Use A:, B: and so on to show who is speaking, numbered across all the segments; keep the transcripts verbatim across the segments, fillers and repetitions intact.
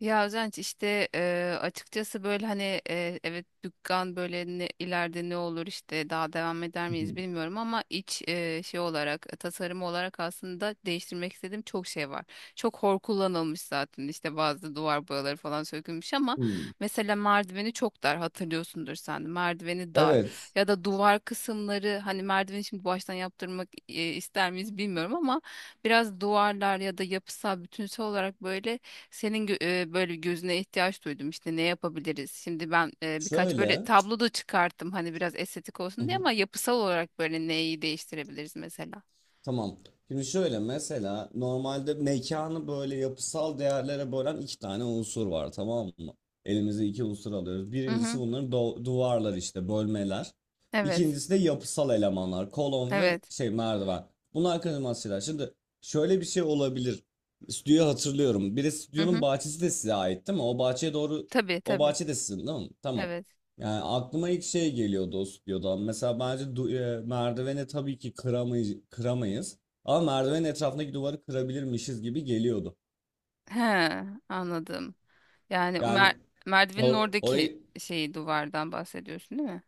A: Ya Özenç işte e, açıkçası böyle hani e, evet dükkan böyle ne, ileride ne olur işte daha devam eder
B: Hı
A: miyiz
B: hı.
A: bilmiyorum ama iç e, şey olarak tasarım olarak aslında değiştirmek istediğim çok şey var. Çok hor kullanılmış zaten işte bazı duvar boyaları falan sökülmüş ama
B: Hmm.
A: mesela merdiveni çok dar, hatırlıyorsundur sen de merdiveni dar
B: Evet.
A: ya da duvar kısımları. Hani merdiveni şimdi baştan yaptırmak e, ister miyiz bilmiyorum ama biraz duvarlar ya da yapısal bütünsel olarak böyle senin gö- e, böyle gözüne ihtiyaç duydum işte, ne yapabiliriz? Şimdi ben e, birkaç böyle
B: Şöyle.
A: tablo da çıkarttım hani biraz estetik
B: Hı
A: olsun diye,
B: hı.
A: ama yapısal olarak böyle neyi değiştirebiliriz mesela?
B: Tamam. Şimdi şöyle mesela normalde mekanı böyle yapısal değerlere bölen iki tane unsur var, tamam mı? Elimize iki unsur alıyoruz.
A: Hı
B: Birincisi
A: hı.
B: bunların do- duvarlar, işte bölmeler.
A: Evet.
B: İkincisi de yapısal elemanlar. Kolon ve
A: Evet.
B: şey merdiven. Bunlar kaçınılmaz şeyler. Şimdi şöyle bir şey olabilir. Stüdyoyu hatırlıyorum. Bir de
A: Hı
B: stüdyonun
A: hı.
B: bahçesi de size ait değil mi? O bahçeye doğru,
A: Tabii
B: o
A: tabii.
B: bahçe de sizin değil mi? Tamam.
A: Evet.
B: Yani aklıma ilk şey geliyordu dost diyordan. Mesela bence du- e, merdiveni tabii ki kıramay kıramayız. Ama merdivenin etrafındaki duvarı kırabilirmişiz gibi geliyordu.
A: He, anladım. Yani o
B: Yani
A: mer merdivenin
B: or-
A: oradaki
B: orayı,
A: şeyi, duvardan bahsediyorsun değil mi?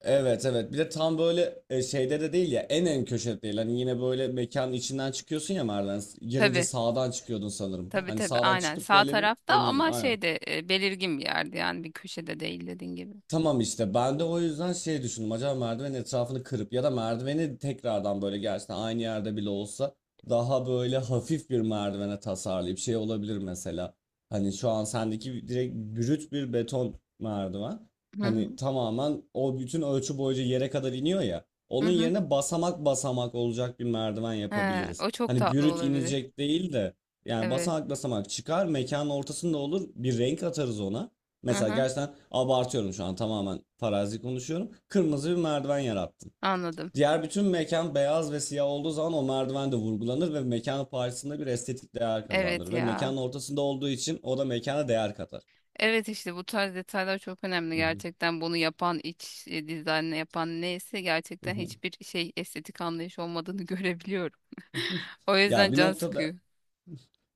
B: evet evet, bir de tam böyle e, şeyde de değil ya, en en köşede değil. Hani yine böyle mekanın içinden çıkıyorsun ya merdiven. Girince
A: Tabii.
B: sağdan çıkıyordun sanırım.
A: Tabii
B: Hani
A: tabii,
B: sağdan
A: aynen
B: çıkıp
A: sağ
B: böyle bir
A: tarafta,
B: dönüyordun
A: ama şey
B: aynen.
A: şeyde belirgin bir yerde, yani bir köşede değil, dediğin gibi.
B: Tamam, işte ben de o yüzden şey düşündüm, acaba merdivenin etrafını kırıp ya da merdiveni tekrardan böyle gerçekten aynı yerde bile olsa daha böyle hafif bir merdivene tasarlayıp şey olabilir mesela. Hani şu an sendeki direkt brüt bir beton merdiven.
A: Hı
B: Hani
A: hı.
B: tamamen o bütün ölçü boyunca yere kadar iniyor ya.
A: Hı
B: Onun
A: hı.
B: yerine basamak basamak olacak bir merdiven
A: He,
B: yapabiliriz.
A: o çok
B: Hani
A: tatlı
B: brüt
A: olabilir.
B: inecek değil de yani
A: Evet.
B: basamak basamak çıkar, mekanın ortasında olur, bir renk atarız ona.
A: Hı
B: Mesela,
A: hı.
B: gerçekten abartıyorum şu an, tamamen farazi konuşuyorum. Kırmızı bir merdiven yarattın.
A: Anladım.
B: Diğer bütün mekan beyaz ve siyah olduğu zaman o merdiven de vurgulanır ve mekanın parçasında bir estetik değer
A: Evet
B: kazandırır. Ve
A: ya.
B: mekanın ortasında olduğu için o da mekana değer katar.
A: Evet, işte bu tarz detaylar çok önemli gerçekten. Bunu yapan iç e, dizaynı yapan neyse, gerçekten hiçbir şey estetik anlayış olmadığını görebiliyorum. O yüzden
B: Ya bir
A: can
B: noktada.
A: sıkıyor.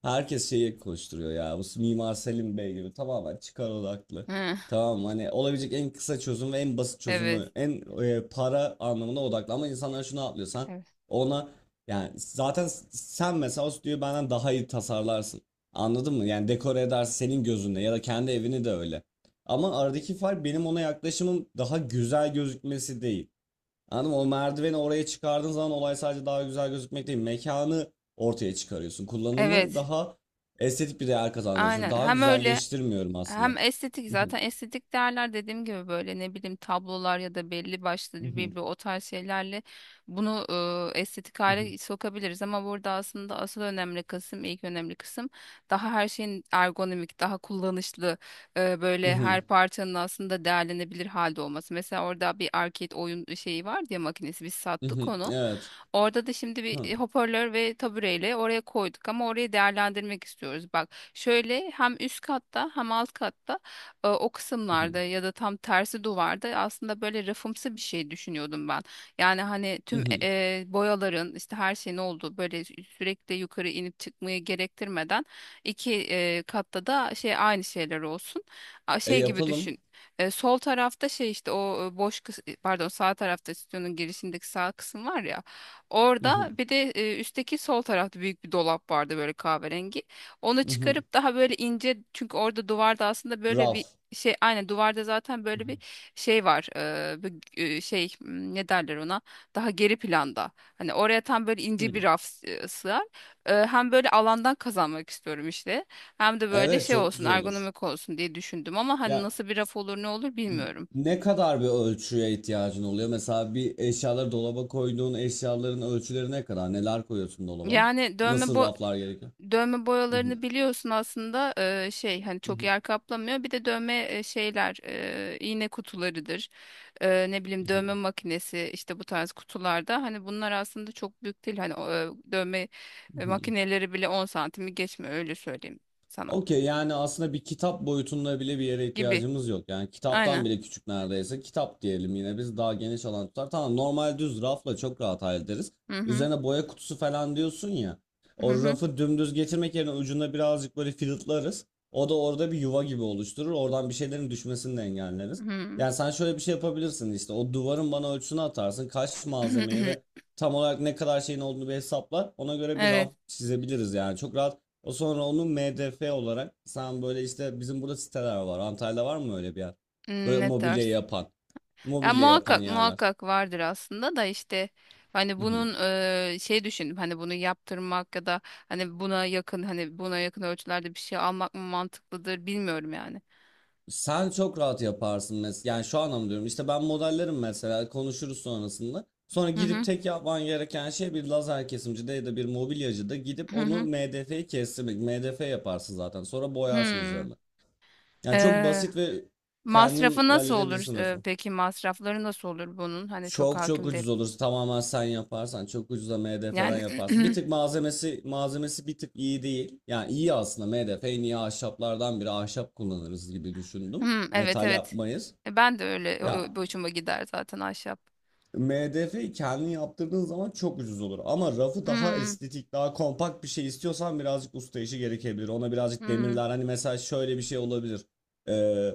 B: Herkes şeyi koşturuyor ya. Bu Mimar Selim Bey gibi tamamen çıkar odaklı.
A: Hı.
B: Tamam, hani olabilecek en kısa çözüm ve en basit
A: Evet.
B: çözümü, en e, para anlamına odaklı. Ama insanlar şunu atlıyor: sen
A: Evet.
B: ona, yani zaten sen mesela o stüdyoyu benden daha iyi tasarlarsın. Anladın mı? Yani dekore edersin senin gözünde ya da kendi evini de öyle. Ama aradaki fark benim ona yaklaşımım daha güzel gözükmesi değil. Anladın mı? O merdiveni oraya çıkardığın zaman olay sadece daha güzel gözükmek değil. Mekanı ortaya çıkarıyorsun. Kullanımı
A: Evet.
B: daha estetik bir değer kazanmaya çalışıyorum.
A: Aynen.
B: Daha
A: Hem öyle,
B: güzelleştirmiyorum aslında.
A: hem estetik. Zaten estetik değerler dediğim gibi böyle, ne bileyim, tablolar ya da belli başlı birbiri o tarz şeylerle bunu e, estetik hale sokabiliriz, ama burada aslında asıl önemli kısım, ilk önemli kısım daha her şeyin ergonomik, daha kullanışlı, e, böyle her parçanın aslında değerlenebilir halde olması. Mesela orada bir arcade oyun şeyi var ya, makinesi, biz sattık onu.
B: Evet.
A: Orada da şimdi bir e, hoparlör ve tabureyle oraya koyduk, ama orayı değerlendirmek istiyoruz. Bak, şöyle hem üst katta hem alt katta e, o kısımlarda, ya da tam tersi duvarda, aslında böyle rafımsı bir şey düşünüyordum ben. Yani hani tüm e, e, boyaların, işte her şeyin olduğu, böyle sürekli yukarı inip çıkmayı gerektirmeden, iki e, katta da şey aynı şeyler olsun. A,
B: E
A: şey gibi
B: yapalım.
A: düşün. E, sol tarafta şey, işte o e, boş kıs- e, pardon, sağ tarafta stüdyonun girişindeki sağ kısım var ya. Orada bir de e, üstteki sol tarafta büyük bir dolap vardı böyle kahverengi. Onu çıkarıp daha böyle ince, çünkü orada duvarda aslında böyle bir
B: Raf.
A: şey, aynen duvarda zaten böyle bir şey var, eee, bu, eee, şey m, ne derler ona, daha geri planda, hani oraya tam böyle ince bir raf s- e, sığar. Eee, hem böyle alandan kazanmak istiyorum işte, hem de böyle
B: Evet,
A: şey
B: çok
A: olsun,
B: güzel olur.
A: ergonomik olsun diye düşündüm, ama hani
B: Ya,
A: nasıl bir raf olur ne olur bilmiyorum.
B: ne kadar bir ölçüye ihtiyacın oluyor? Mesela bir eşyaları dolaba koyduğun eşyaların ölçüleri ne kadar? Neler koyuyorsun dolaba?
A: Yani dövme
B: Nasıl
A: bo-
B: raflar gerekiyor?
A: dövme boyalarını biliyorsun aslında, eee, şey, hani
B: Hı
A: çok
B: hı,
A: yer kaplamıyor. Bir de dövme e, şeyler, eee, iğne kutularıdır. Eee, ne
B: hı
A: bileyim,
B: hı,
A: dövme makinesi işte bu tarz kutularda, hani bunlar aslında çok büyük değil. Hani o, e, dövme
B: hı
A: e,
B: hı.
A: makineleri bile on santimi geçmiyor, öyle söyleyeyim sana,
B: Okey, yani aslında bir kitap boyutunda bile bir yere
A: gibi.
B: ihtiyacımız yok. Yani kitaptan
A: Aynen.
B: bile küçük neredeyse. Kitap diyelim yine, biz daha geniş alan tutar. Tamam, normal düz rafla çok rahat hallederiz.
A: Hı.
B: Üzerine boya kutusu falan diyorsun ya.
A: Hı
B: O
A: hı.
B: rafı dümdüz getirmek yerine ucunda birazcık böyle filtlarız. O da orada bir yuva gibi oluşturur. Oradan bir şeylerin düşmesini de engelleriz.
A: Hı hı.
B: Yani sen şöyle bir şey yapabilirsin işte. O duvarın bana ölçüsünü atarsın. Kaç malzemeye ve tam olarak ne kadar şeyin olduğunu bir hesaplar. Ona göre bir
A: Evet.
B: raf çizebiliriz yani. Çok rahat. O sonra onu M D F olarak sen, böyle işte bizim burada siteler var. Antalya'da var mı öyle bir yer?
A: Hmm,
B: Böyle
A: ne
B: mobilya
A: dersin?
B: yapan.
A: Ya
B: Mobilya yapan
A: muhakkak
B: yerler.
A: muhakkak vardır aslında, da işte hani
B: Hı hı.
A: bunun eee, şey düşündüm, hani bunu yaptırmak ya da hani buna yakın, hani buna yakın ölçülerde bir şey almak mı mantıklıdır, bilmiyorum yani.
B: Sen çok rahat yaparsın mesela. Yani şu anlamda diyorum. İşte ben modellerim mesela. Konuşuruz sonrasında. Sonra
A: Hı
B: gidip
A: hı
B: tek yapman gereken şey bir lazer kesimcide ya da bir mobilyacıda gidip
A: hı
B: onu
A: hı.
B: M D F'yi kestirmek. M D F yaparsın zaten. Sonra boyarsın
A: Hmm.
B: üzerine. Yani çok
A: Eee,
B: basit ve
A: masrafı
B: kendin
A: nasıl olur?
B: halledebilirsin
A: Eee,
B: mesela.
A: peki masrafları nasıl olur bunun? Hani çok
B: Çok çok
A: hakim
B: ucuz
A: değilim.
B: olur. Tamamen sen yaparsan çok ucuza M D F'den
A: Yani
B: yaparsın. Bir tık malzemesi malzemesi bir tık iyi değil. Yani iyi aslında, M D F en iyi ahşaplardan biri, ahşap kullanırız gibi düşündüm.
A: hmm, evet
B: Metal
A: evet.
B: yapmayız.
A: E, ben de öyle o- o-
B: Ya,
A: boşuma gider zaten ahşap.
B: M D F'yi kendin yaptırdığın zaman çok ucuz olur. Ama rafı daha
A: Hmm.
B: estetik, daha kompakt bir şey istiyorsan birazcık usta işi gerekebilir. Ona birazcık
A: Hmm.
B: demirler. Hani mesela şöyle bir şey olabilir. Ee,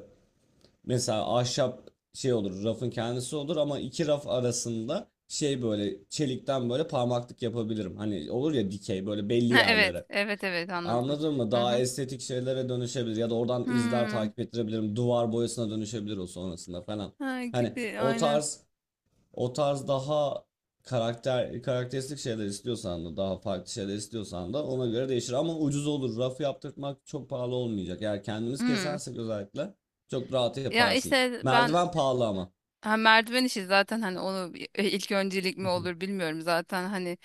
B: Mesela ahşap şey olur, rafın kendisi olur ama iki raf arasında şey böyle çelikten böyle parmaklık yapabilirim. Hani olur ya dikey, böyle belli
A: Ha, evet
B: yerlere.
A: evet evet, anladım.
B: Anladın mı?
A: Hı
B: Daha
A: hı.
B: estetik şeylere dönüşebilir ya da oradan izler
A: Hmm.
B: takip ettirebilirim. Duvar boyasına dönüşebilir o sonrasında falan.
A: Ha,
B: Hani
A: gibi
B: o
A: aynen.
B: tarz, o tarz daha karakter karakteristik şeyler istiyorsan da, daha farklı şeyler istiyorsan da ona göre değişir. Ama ucuz olur. Rafı yaptırmak çok pahalı olmayacak. Eğer kendimiz
A: Hmm.
B: kesersek özellikle çok rahat
A: Ya
B: yaparsın.
A: işte ben,
B: Merdiven pahalı ama.
A: ha, merdiven işi, zaten hani onu bir- e, ilk öncelik mi olur bilmiyorum, zaten hani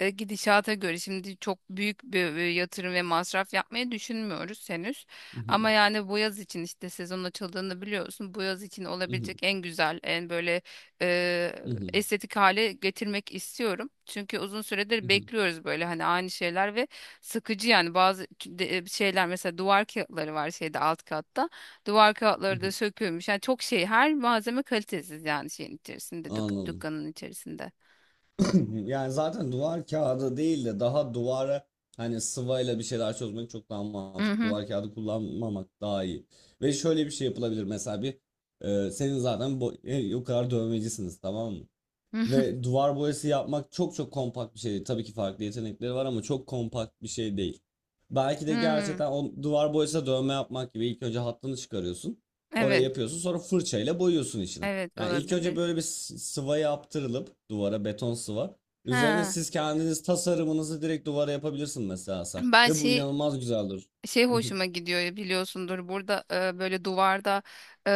A: e, gidişata göre şimdi çok büyük bir, bir yatırım ve masraf yapmayı düşünmüyoruz henüz. Ama yani bu yaz için işte, sezon açıldığını biliyorsun. Bu yaz için olabilecek en güzel, en böyle e, estetik hale getirmek istiyorum. Çünkü uzun süredir bekliyoruz böyle, hani aynı şeyler, ve sıkıcı yani. Bazı de- e, şeyler, mesela duvar kağıtları var şeyde, alt katta. Duvar kağıtları da sökülmüş. Yani çok şey, her malzeme kalitesiz yani şeyin içerisinde, dük-
B: Anladım.
A: dükkanın içerisinde.
B: Yani zaten duvar kağıdı değil de daha duvara, hani sıvayla bir şeyler çözmek çok daha
A: Hı
B: mantıklı.
A: hı.
B: Duvar kağıdı kullanmamak daha iyi. Ve şöyle bir şey yapılabilir mesela, bir e, senin zaten bu, e, o kadar dövmecisiniz, tamam mı?
A: Hı.
B: Ve duvar boyası yapmak çok çok kompakt bir şey değil. Tabii ki farklı yetenekleri var ama çok kompakt bir şey değil. Belki de
A: Hmm.
B: gerçekten o duvar boyasına dövme yapmak gibi, ilk önce hattını çıkarıyorsun. Oraya
A: Evet.
B: yapıyorsun, sonra fırçayla boyuyorsun içine.
A: Evet,
B: Yani ilk önce
A: olabilir.
B: böyle bir s- sıva yaptırılıp duvara, beton sıva. Üzerine
A: Ha.
B: siz kendiniz tasarımınızı direkt duvara yapabilirsin mesela sen.
A: Ben
B: Ve bu
A: şey
B: inanılmaz güzel durur.
A: şey hoşuma gidiyor, biliyorsundur burada e, böyle duvarda e,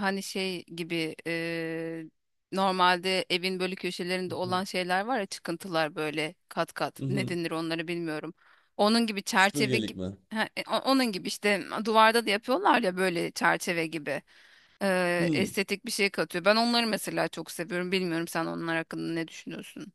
A: hani şey gibi, e, normalde evin böyle köşelerinde olan şeyler var ya, çıkıntılar, böyle kat kat, ne denir onları bilmiyorum. Onun gibi çerçeve
B: Süpürgelik
A: gibi.
B: mi?
A: Ha, e, o- onun gibi işte duvarda da yapıyorlar ya, böyle çerçeve gibi. E,
B: Hmm.
A: estetik bir şey katıyor. Ben onları mesela çok seviyorum. Bilmiyorum, sen onlar hakkında ne düşünüyorsun?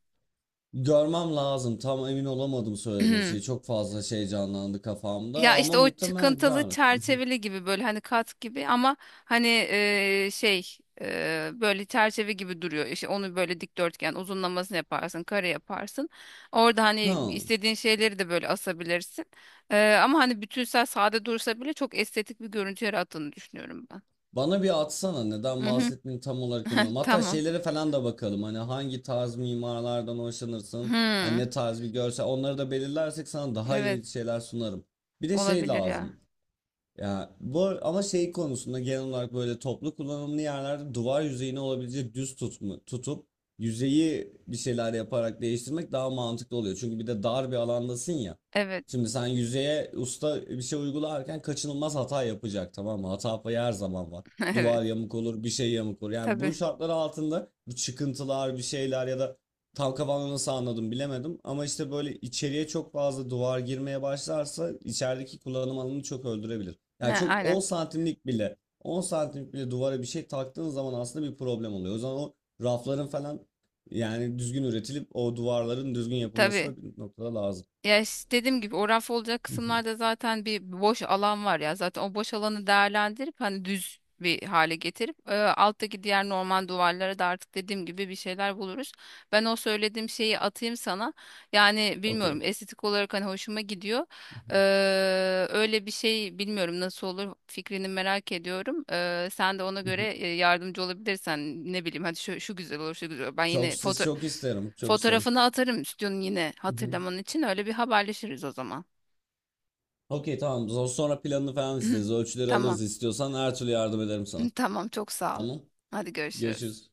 B: Görmem lazım. Tam emin olamadım söylediğin şey. Çok fazla şey canlandı kafamda
A: Ya
B: ama
A: işte, o
B: muhtemelen
A: çıkıntılı
B: güzel.
A: çerçeveli gibi, böyle hani kat gibi, ama hani e, şey, e, böyle çerçeve gibi duruyor. İşte onu böyle dikdörtgen uzunlamasını yaparsın, kare yaparsın. Orada hani
B: Ha.
A: istediğin şeyleri de böyle asabilirsin. E, ama hani bütünsel sade dursa bile çok estetik bir görüntü yarattığını düşünüyorum ben.
B: Bana bir atsana, neden
A: Mhm.
B: bahsettiğini tam olarak emin olamadım. Hatta
A: Tamam.
B: şeylere falan da bakalım. Hani hangi tarz mimarlardan hoşlanırsın? Hani
A: Hmm.
B: ne tarz bir görsel? Onları da belirlersek sana daha
A: Evet,
B: iyi şeyler sunarım. Bir de şey
A: olabilir ya.
B: lazım. Ya bu ar- ama şey konusunda genel olarak böyle toplu kullanımlı yerlerde duvar yüzeyini olabildiğince düz tutma, tutup yüzeyi bir şeyler yaparak değiştirmek daha mantıklı oluyor. Çünkü bir de dar bir alandasın ya.
A: Evet.
B: Şimdi sen yüzeye usta bir şey uygularken kaçınılmaz hata yapacak, tamam mı? Hata payı her zaman var.
A: Evet.
B: Duvar yamuk olur, bir şey yamuk olur. Yani
A: Tabii.
B: bu şartlar altında bu çıkıntılar, bir şeyler ya da, tam kafamda nasıl anladım bilemedim. Ama işte böyle içeriye çok fazla duvar girmeye başlarsa içerideki kullanım alanını çok öldürebilir.
A: Ne,
B: Yani çok
A: aynen.
B: on santimlik bile, on santimlik bile duvara bir şey taktığın zaman aslında bir problem oluyor. O zaman o rafların falan, yani düzgün üretilip o duvarların düzgün yapılması
A: Tabii.
B: da bir noktada lazım.
A: Ya işte, dediğim gibi o raf olacak
B: Hı hı.
A: kısımlarda zaten bir boş alan var ya. Zaten o boş alanı değerlendirip hani düz bir hale getirip, e, alttaki diğer normal duvarlara da artık dediğim gibi bir şeyler buluruz. Ben o söylediğim şeyi atayım sana. Yani bilmiyorum,
B: Okey.
A: estetik olarak hani hoşuma gidiyor. Ee, öyle bir şey bilmiyorum nasıl olur, fikrini merak ediyorum. Ee, sen de ona
B: Hı
A: göre
B: hı.
A: e, yardımcı olabilirsen, ne bileyim, hadi şu, şu güzel olur şu güzel olur. Ben
B: Çok
A: yine
B: siz
A: foto
B: çok isterim. Çok isterim.
A: fotoğrafını atarım stüdyonun, yine
B: Hı hı.
A: hatırlaman için. Öyle bir haberleşiriz o zaman.
B: Okey, tamam. Zo- Sonra planını falan isteriz. Ölçüleri
A: Tamam.
B: alırız istiyorsan, her türlü yardım ederim sana.
A: Tamam, çok sağ ol.
B: Tamam.
A: Hadi görüşürüz.
B: Görüşürüz.